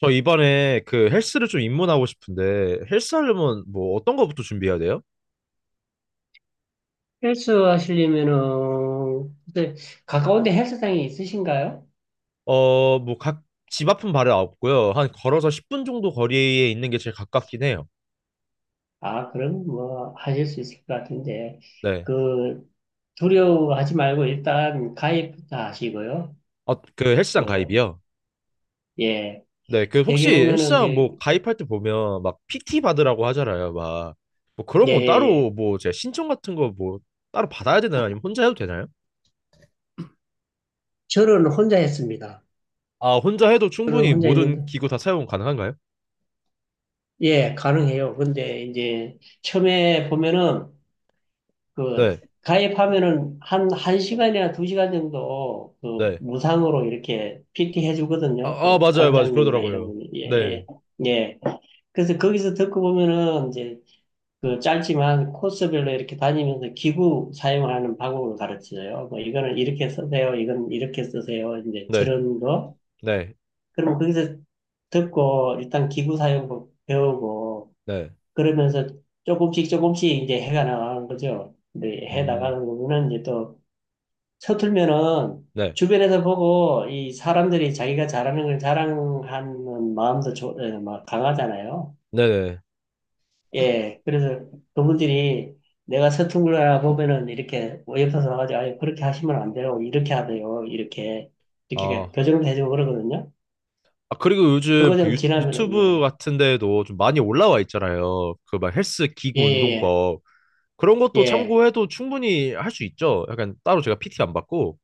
저 이번에 그 헬스를 좀 입문하고 싶은데 헬스 하려면 뭐 어떤 거부터 준비해야 돼요? 헬스 하시려면은, 근데 가까운데 헬스장이 있으신가요? 어, 뭐 각 집 앞은 바로 없고요. 한 걸어서 10분 정도 거리에 있는 게 제일 가깝긴 해요. 아, 그럼 뭐 하실 수 있을 것 같은데, 네. 그, 두려워하지 말고 일단 가입부터 하시고요. 어, 그 헬스장 그, 가입이요? 예. 네. 그 되게 혹시 보면은 헬스장 이제, 뭐 가입할 때 보면 막 PT 받으라고 하잖아요. 막 뭐 그런 예, 건 예, 따로 예. 뭐 제가 신청 같은 거 뭐 따로 받아야 되나요? 아니면 혼자 해도 되나요? 저는 혼자 했습니다. 아, 혼자 해도 저는 충분히 혼자 모든 했는데, 기구 다 사용 가능한가요? 예, 가능해요. 근데 이제 처음에 보면은 그 네. 가입하면은 한 시간이나 두 시간 정도 그 네. 무상으로 이렇게 PT 아, 해주거든요. 아 그 맞아요. 맞아요. 관장님이나 이런 그러더라고요. 분이. 네. 예, 예. 예. 그래서 거기서 듣고 보면은 이제 그 짧지만 코스별로 이렇게 다니면서 기구 사용하는 방법을 가르쳐줘요. 뭐 이거는 이렇게 쓰세요. 이건 이렇게 쓰세요. 이제 네. 저런 거. 네, 그러면 거기서 듣고 일단 기구 사용법 배우고 네, 그러면서 조금씩 조금씩 이제 해가 나가는 거죠. 근데 해 음, 나가는 거는 이제 또 서툴면은 네, 주변에서 보고 이 사람들이 자기가 잘하는 걸 자랑하는 마음도 막 강하잖아요. 네네. 예, 그래서 그분들이 내가 서툰 거라 보면은 이렇게 옆에서 와가지고 아, 그렇게 하시면 안 돼요. 이렇게 하세요. 이렇게 이렇게 아, 교정을 해주고 그러거든요. 아 그리고 요즘 그거 그 좀 유, 지나면은 유튜브 예, 같은 데에도 좀 많이 올라와 있잖아요. 그 막 헬스 기구 예, 운동법 그런 예, 것도 예. 예. 참고해도 충분히 할 수 있죠. 약간 따로 제가 PT 안 받고.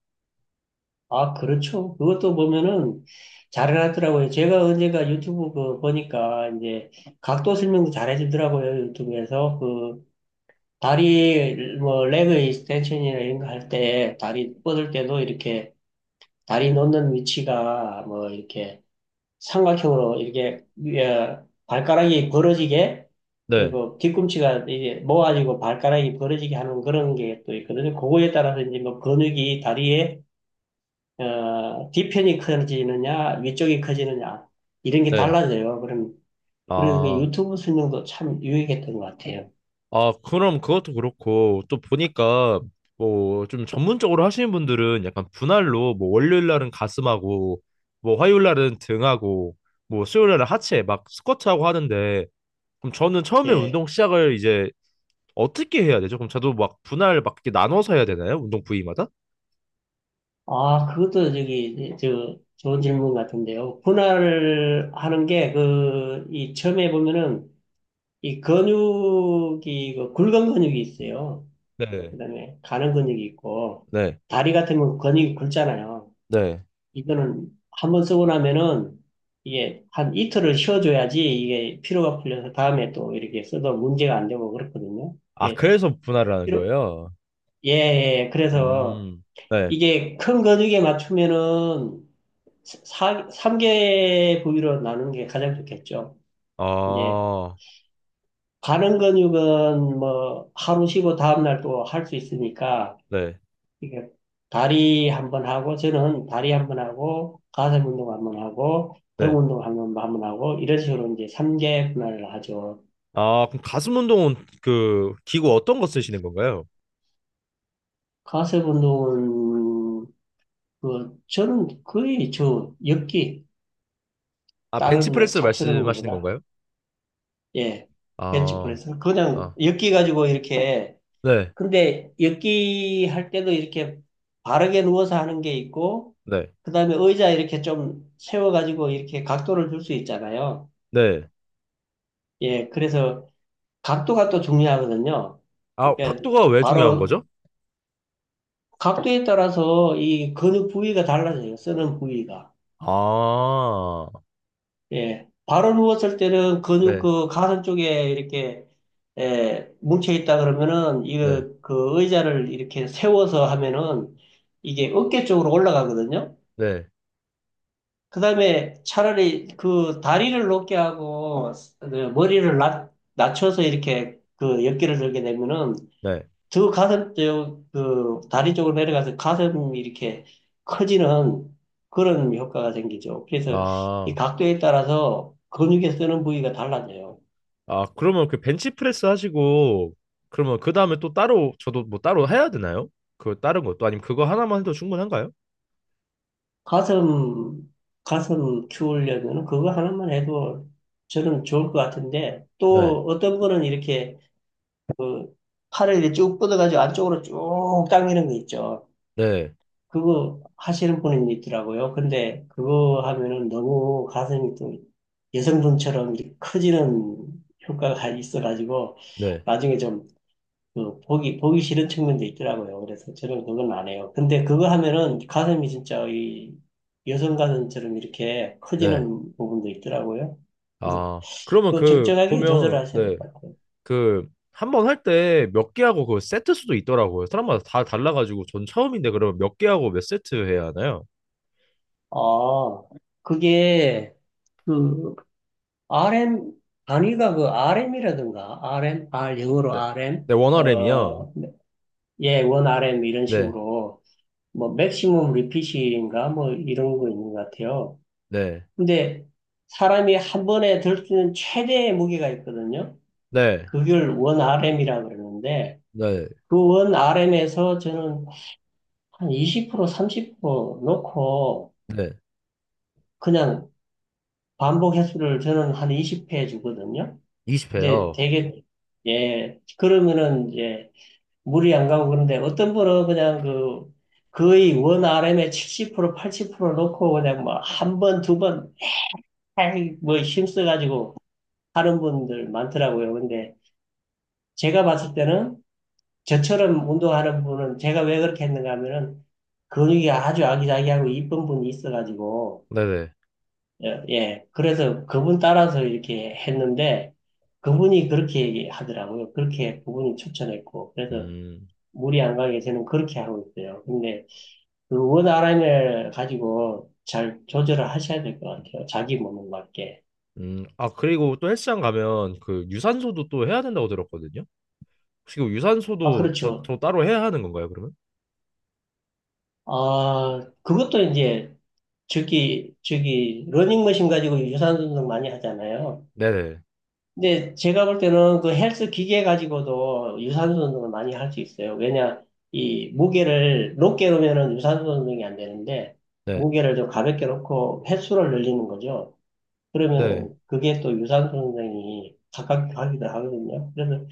아, 그렇죠. 그것도 보면은 잘해놨더라고요. 제가 언젠가 유튜브 그 보니까 이제 각도 설명도 잘해주더라고요. 유튜브에서 그 다리 뭐 레그 익스텐션이나 이런 거 할 때 다리 뻗을 때도 이렇게 다리 놓는 위치가 뭐 이렇게 삼각형으로 이렇게 위에 발가락이 벌어지게 네, 그리고 뒤꿈치가 이제 모아지고 발가락이 벌어지게 하는 그런 게 또 있거든요. 그거에 따라서 이제 뭐 근육이 다리에 뒤편이 커지느냐, 위쪽이 커지느냐, 이런 게 네. 달라져요. 그럼, 그래서 그 아, 유튜브 설명도 참 유익했던 것 같아요. 아 그럼 그것도 그렇고 또 보니까 뭐 좀 전문적으로 하시는 분들은 약간 분할로 뭐 월요일 날은 가슴하고 뭐 화요일 날은 등하고 뭐 수요일 날은 하체 막 스쿼트하고 하는데. 그럼 저는 처음에 예. 운동 시작을 이제 어떻게 해야 되죠? 그럼 저도 막 분할 막 이렇게 나눠서 해야 되나요? 운동 부위마다? 아, 그것도 저기, 저, 좋은 질문 같은데요. 분할을 하는 게, 그, 이, 처음에 보면은, 이 근육이, 그 굵은 근육이 있어요. 네. 그 다음에 가는 근육이 있고, 네, 다리 같은 면 근육이 굵잖아요. 네. 이거는 한번 쓰고 나면은 이게 한 이틀을 쉬어줘야지 이게 피로가 풀려서 다음에 또 이렇게 써도 문제가 안 되고 그렇거든요. 아, 네. 그래서 분할을 하는 피로- 거예요? 예, 예. 그래서 음, 네. 이게 큰 근육에 맞추면은 3개 부위로 나누는 게 가장 좋겠죠. 이제 아, 가는 근육은 뭐 하루 쉬고 다음날 또 할 수 있으니까 네, 이게 다리 한 번 하고 저는 다리 한 번 하고 가슴 운동 한 번 하고 등 네. 운동 한 번 한 번 하고 이런 식으로 이제 삼개 분할을 하죠. 아, 그럼 가슴 운동은 그 기구 어떤 거 쓰시는 건가요? 가슴 운동은 그 저는 거의 저 엮기 아, 다른 뭐 벤치프레스 잡스러운 말씀하시는 거보다 건가요? 예, 아, 벤치프레스 그냥 아, 엮기 가지고 이렇게 네, 근데 엮기 할 때도 이렇게 바르게 누워서 하는 게 있고 네, 그다음에 의자 이렇게 좀 세워 가지고 이렇게 각도를 줄 수 있잖아요. 네. 예, 그래서 각도가 또 중요하거든요. 아, 그러니까 각도가 왜 중요한 바로 거죠? 각도에 따라서 이 근육 부위가 달라져요. 쓰는 부위가. 아, 예. 바로 누웠을 때는 근육 네, 그 가슴 쪽에 이렇게 예, 뭉쳐 있다 그러면은 네, 이거 그 의자를 이렇게 세워서 하면은 이게 어깨 쪽으로 올라가거든요. 네, 그다음에 차라리 그 다리를 높게 하고 그 머리를 낮춰서 이렇게 그 어깨를 들게 되면은 네. 저 가슴, 저, 그, 다리 쪽으로 내려가서 가슴이 이렇게 커지는 그런 효과가 생기죠. 그래서 이 아, 각도에 따라서 근육에 쓰는 부위가 달라져요. 아, 그러면 그 벤치프레스 하시고, 그러면 그 다음에 또 따로, 저도 뭐 따로 해야 되나요? 그 다른 것도, 아니면 그거 하나만 해도 충분한가요? 가슴, 가슴 키우려면 그거 하나만 해도 저는 좋을 것 같은데 네, 또 어떤 거는 이렇게 팔을 이렇게 쭉 뻗어가지고 안쪽으로 쭉 당기는 거 있죠. 네, 그거 하시는 분이 있더라고요. 근데 그거 하면은 너무 가슴이 또 여성분처럼 이렇게 커지는 효과가 있어가지고 네, 나중에 좀그 보기 싫은 측면도 있더라고요. 그래서 저는 그건 안 해요. 근데 그거 하면은 가슴이 진짜 이 여성 가슴처럼 이렇게 네. 커지는 부분도 있더라고요. 그래서 아, 그러면 또 그, 적절하게 보면, 조절하셔야 네, 될 것 같아요. 그, 한 번 할 때 몇 개 하고 그 세트 수도 있더라고요. 사람마다 다 달라가지고, 전 처음인데 그러면 몇 개 하고 몇 세트 해야 하나요? 아, 그게 그 RM 단위가 그 RM이라든가 RM, R, 영어로 네, RM, 네, 원어램이요. 예, 원 RM 이런 네, 식으로 뭐 맥시멈 리핏인가 뭐 이런 거 있는 것 같아요. 네, 근데 사람이 한 번에 들 수 있는 최대의 무게가 있거든요. 네, 그걸 원 RM이라고 그러는데 네, 그 원 RM에서 저는 한 20% 30% 놓고 네. 그냥 반복 횟수를 저는 한 20회 주거든요. 근데 20회요. 되게 예, 그러면은 이제 물이 안 가고. 그런데 어떤 분은 그냥 그 거의 원 r m 에70% 80% 놓고 그냥 뭐 한 번, 두 번, 뭐 힘써가지고 하는 분들 많더라고요. 근데 제가 봤을 때는 저처럼 운동하는 분은 제가 왜 그렇게 했는가 하면은 근육이 아주 아기자기하고 이쁜 분이 있어가지고 네네. 예, 예. 그래서 그분 따라서 이렇게 했는데 그분이 그렇게 얘기하더라고요. 그렇게 그분이 추천했고 그래서 음. 물이 안 가게 저는 그렇게 하고 있어요. 근데 그 원하인을 가지고 잘 조절을 하셔야 될 것 같아요. 자기 몸에 맞게. 아, 그리고 또 헬스장 가면 그 유산소도 또 해야 된다고 들었거든요. 혹시 그 아, 유산소도 저, 그렇죠. 저 따로 해야 하는 건가요, 그러면? 아, 그것도 이제 저기, 러닝머신 가지고 유산소 운동 많이 하잖아요. 네네. 근데 제가 볼 때는 그 헬스 기계 가지고도 유산소 운동을 많이 할 수 있어요. 왜냐, 이 무게를 높게 놓으면은 유산소 운동이 안 되는데, 네. 무게를 좀 가볍게 놓고 횟수를 늘리는 거죠. 네. 그러면은 그게 또 유산소 운동이 가깝게 하기도 하거든요. 그래서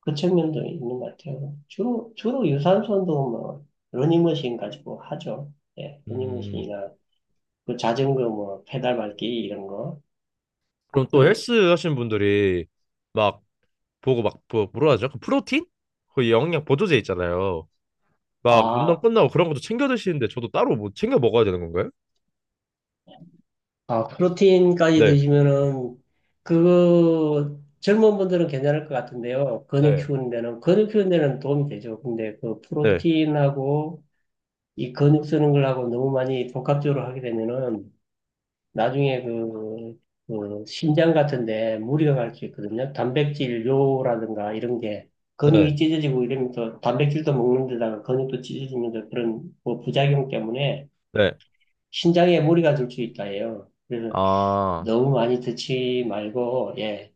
그 측면도 있는 것 같아요. 주로 유산소 운동은 뭐, 러닝머신 가지고 하죠. 예, 음, 러닝머신이나, 그 자전거 뭐, 페달 밟기 이런 거. 그럼 또 그, 헬스 하시는 분들이 막 보고 막 뭐라 하죠? 그 프로틴? 그 영양 보조제 있잖아요. 막 운동 아, 끝나고 그런 것도 챙겨 드시는데 저도 따로 뭐 챙겨 먹어야 되는 건가요? 아, 프로틴까지 네. 드시면은, 그거, 젊은 분들은 괜찮을 것 같은데요. 근육 네. 키우는 데는, 근육 키우는 데는 도움이 되죠. 근데 그 네. 프로틴하고 이 근육 쓰는 걸하고 너무 많이 복합적으로 하게 되면은, 나중에 그, 그 심장 같은데 무리가 갈 수 있거든요. 단백질료라든가 이런 게 근육이 네. 찢어지고 이러면서 단백질도 먹는 데다가 근육도 찢어지면서 그런 뭐 부작용 때문에 네. 신장에 무리가 들 수 있다 해요. 그래서 아, 너무 많이 드지 말고 예,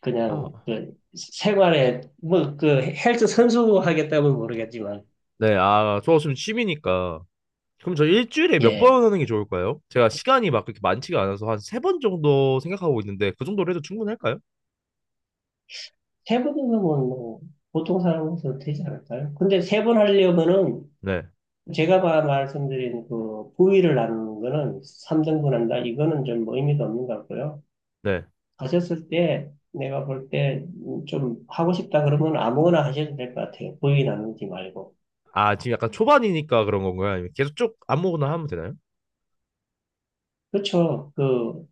그냥 아. 그 생활에 뭐 그 헬스 선수 하겠다면 모르겠지만 네. 아, 저 지금 취미니까. 그럼 저 일주일에 몇 예, 번 하는 게 좋을까요? 제가 시간이 막 그렇게 많지가 않아서 한 세 번 정도 생각하고 있는데 그 정도로 해도 충분할까요? 세 번이면 뭐 보통 사람으로서 되지 않을까요? 근데 세 번 하려면은 네, 말씀드린 그 부위를 나누는 거는 3등 분한다. 이거는 좀 뭐 의미가 없는 것 같고요. 네. 하셨을 때 내가 볼 때 좀 하고 싶다 그러면 아무거나 하셔도 될 것 같아요. 부위 나누지 말고. 아, 지금 약간 초반이니까 그런 건가요? 아니면 계속 쭉 아무거나 하면 되나요? 그렇죠. 그,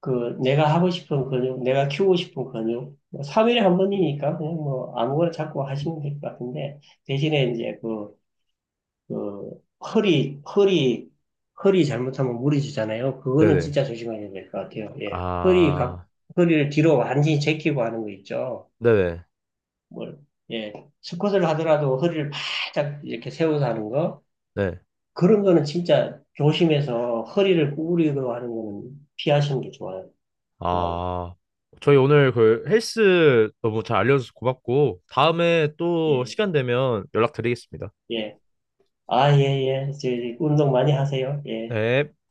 그 내가 하고 싶은 근육, 내가 키우고 싶은 근육. 삼일에 한 번이니까 그냥 뭐 아무거나 자꾸 하시면 될 것 같은데 대신에 이제 그 그 허리 허리 허리 잘못하면 무리지잖아요. 그거는 네네. 진짜 조심해야 될 것 같아요. 예, 허리 각 아, 허리를 뒤로 완전히 제키고 하는 거 있죠. 네네. 뭘 예, 스쿼트를 하더라도 허리를 바짝 이렇게 세워서 하는 거 네. 그런 거는 진짜 조심해서 허리를 구부리고 하는 거는 피하시는 게 좋아요. 정말 아, 저희 오늘 그 헬스 너무 잘 알려줘서 고맙고 다음에 또 예, 시간 되면 연락드리겠습니다. 예. 아, 예, 예. 저, 운동 많이 하세요. 예. 네.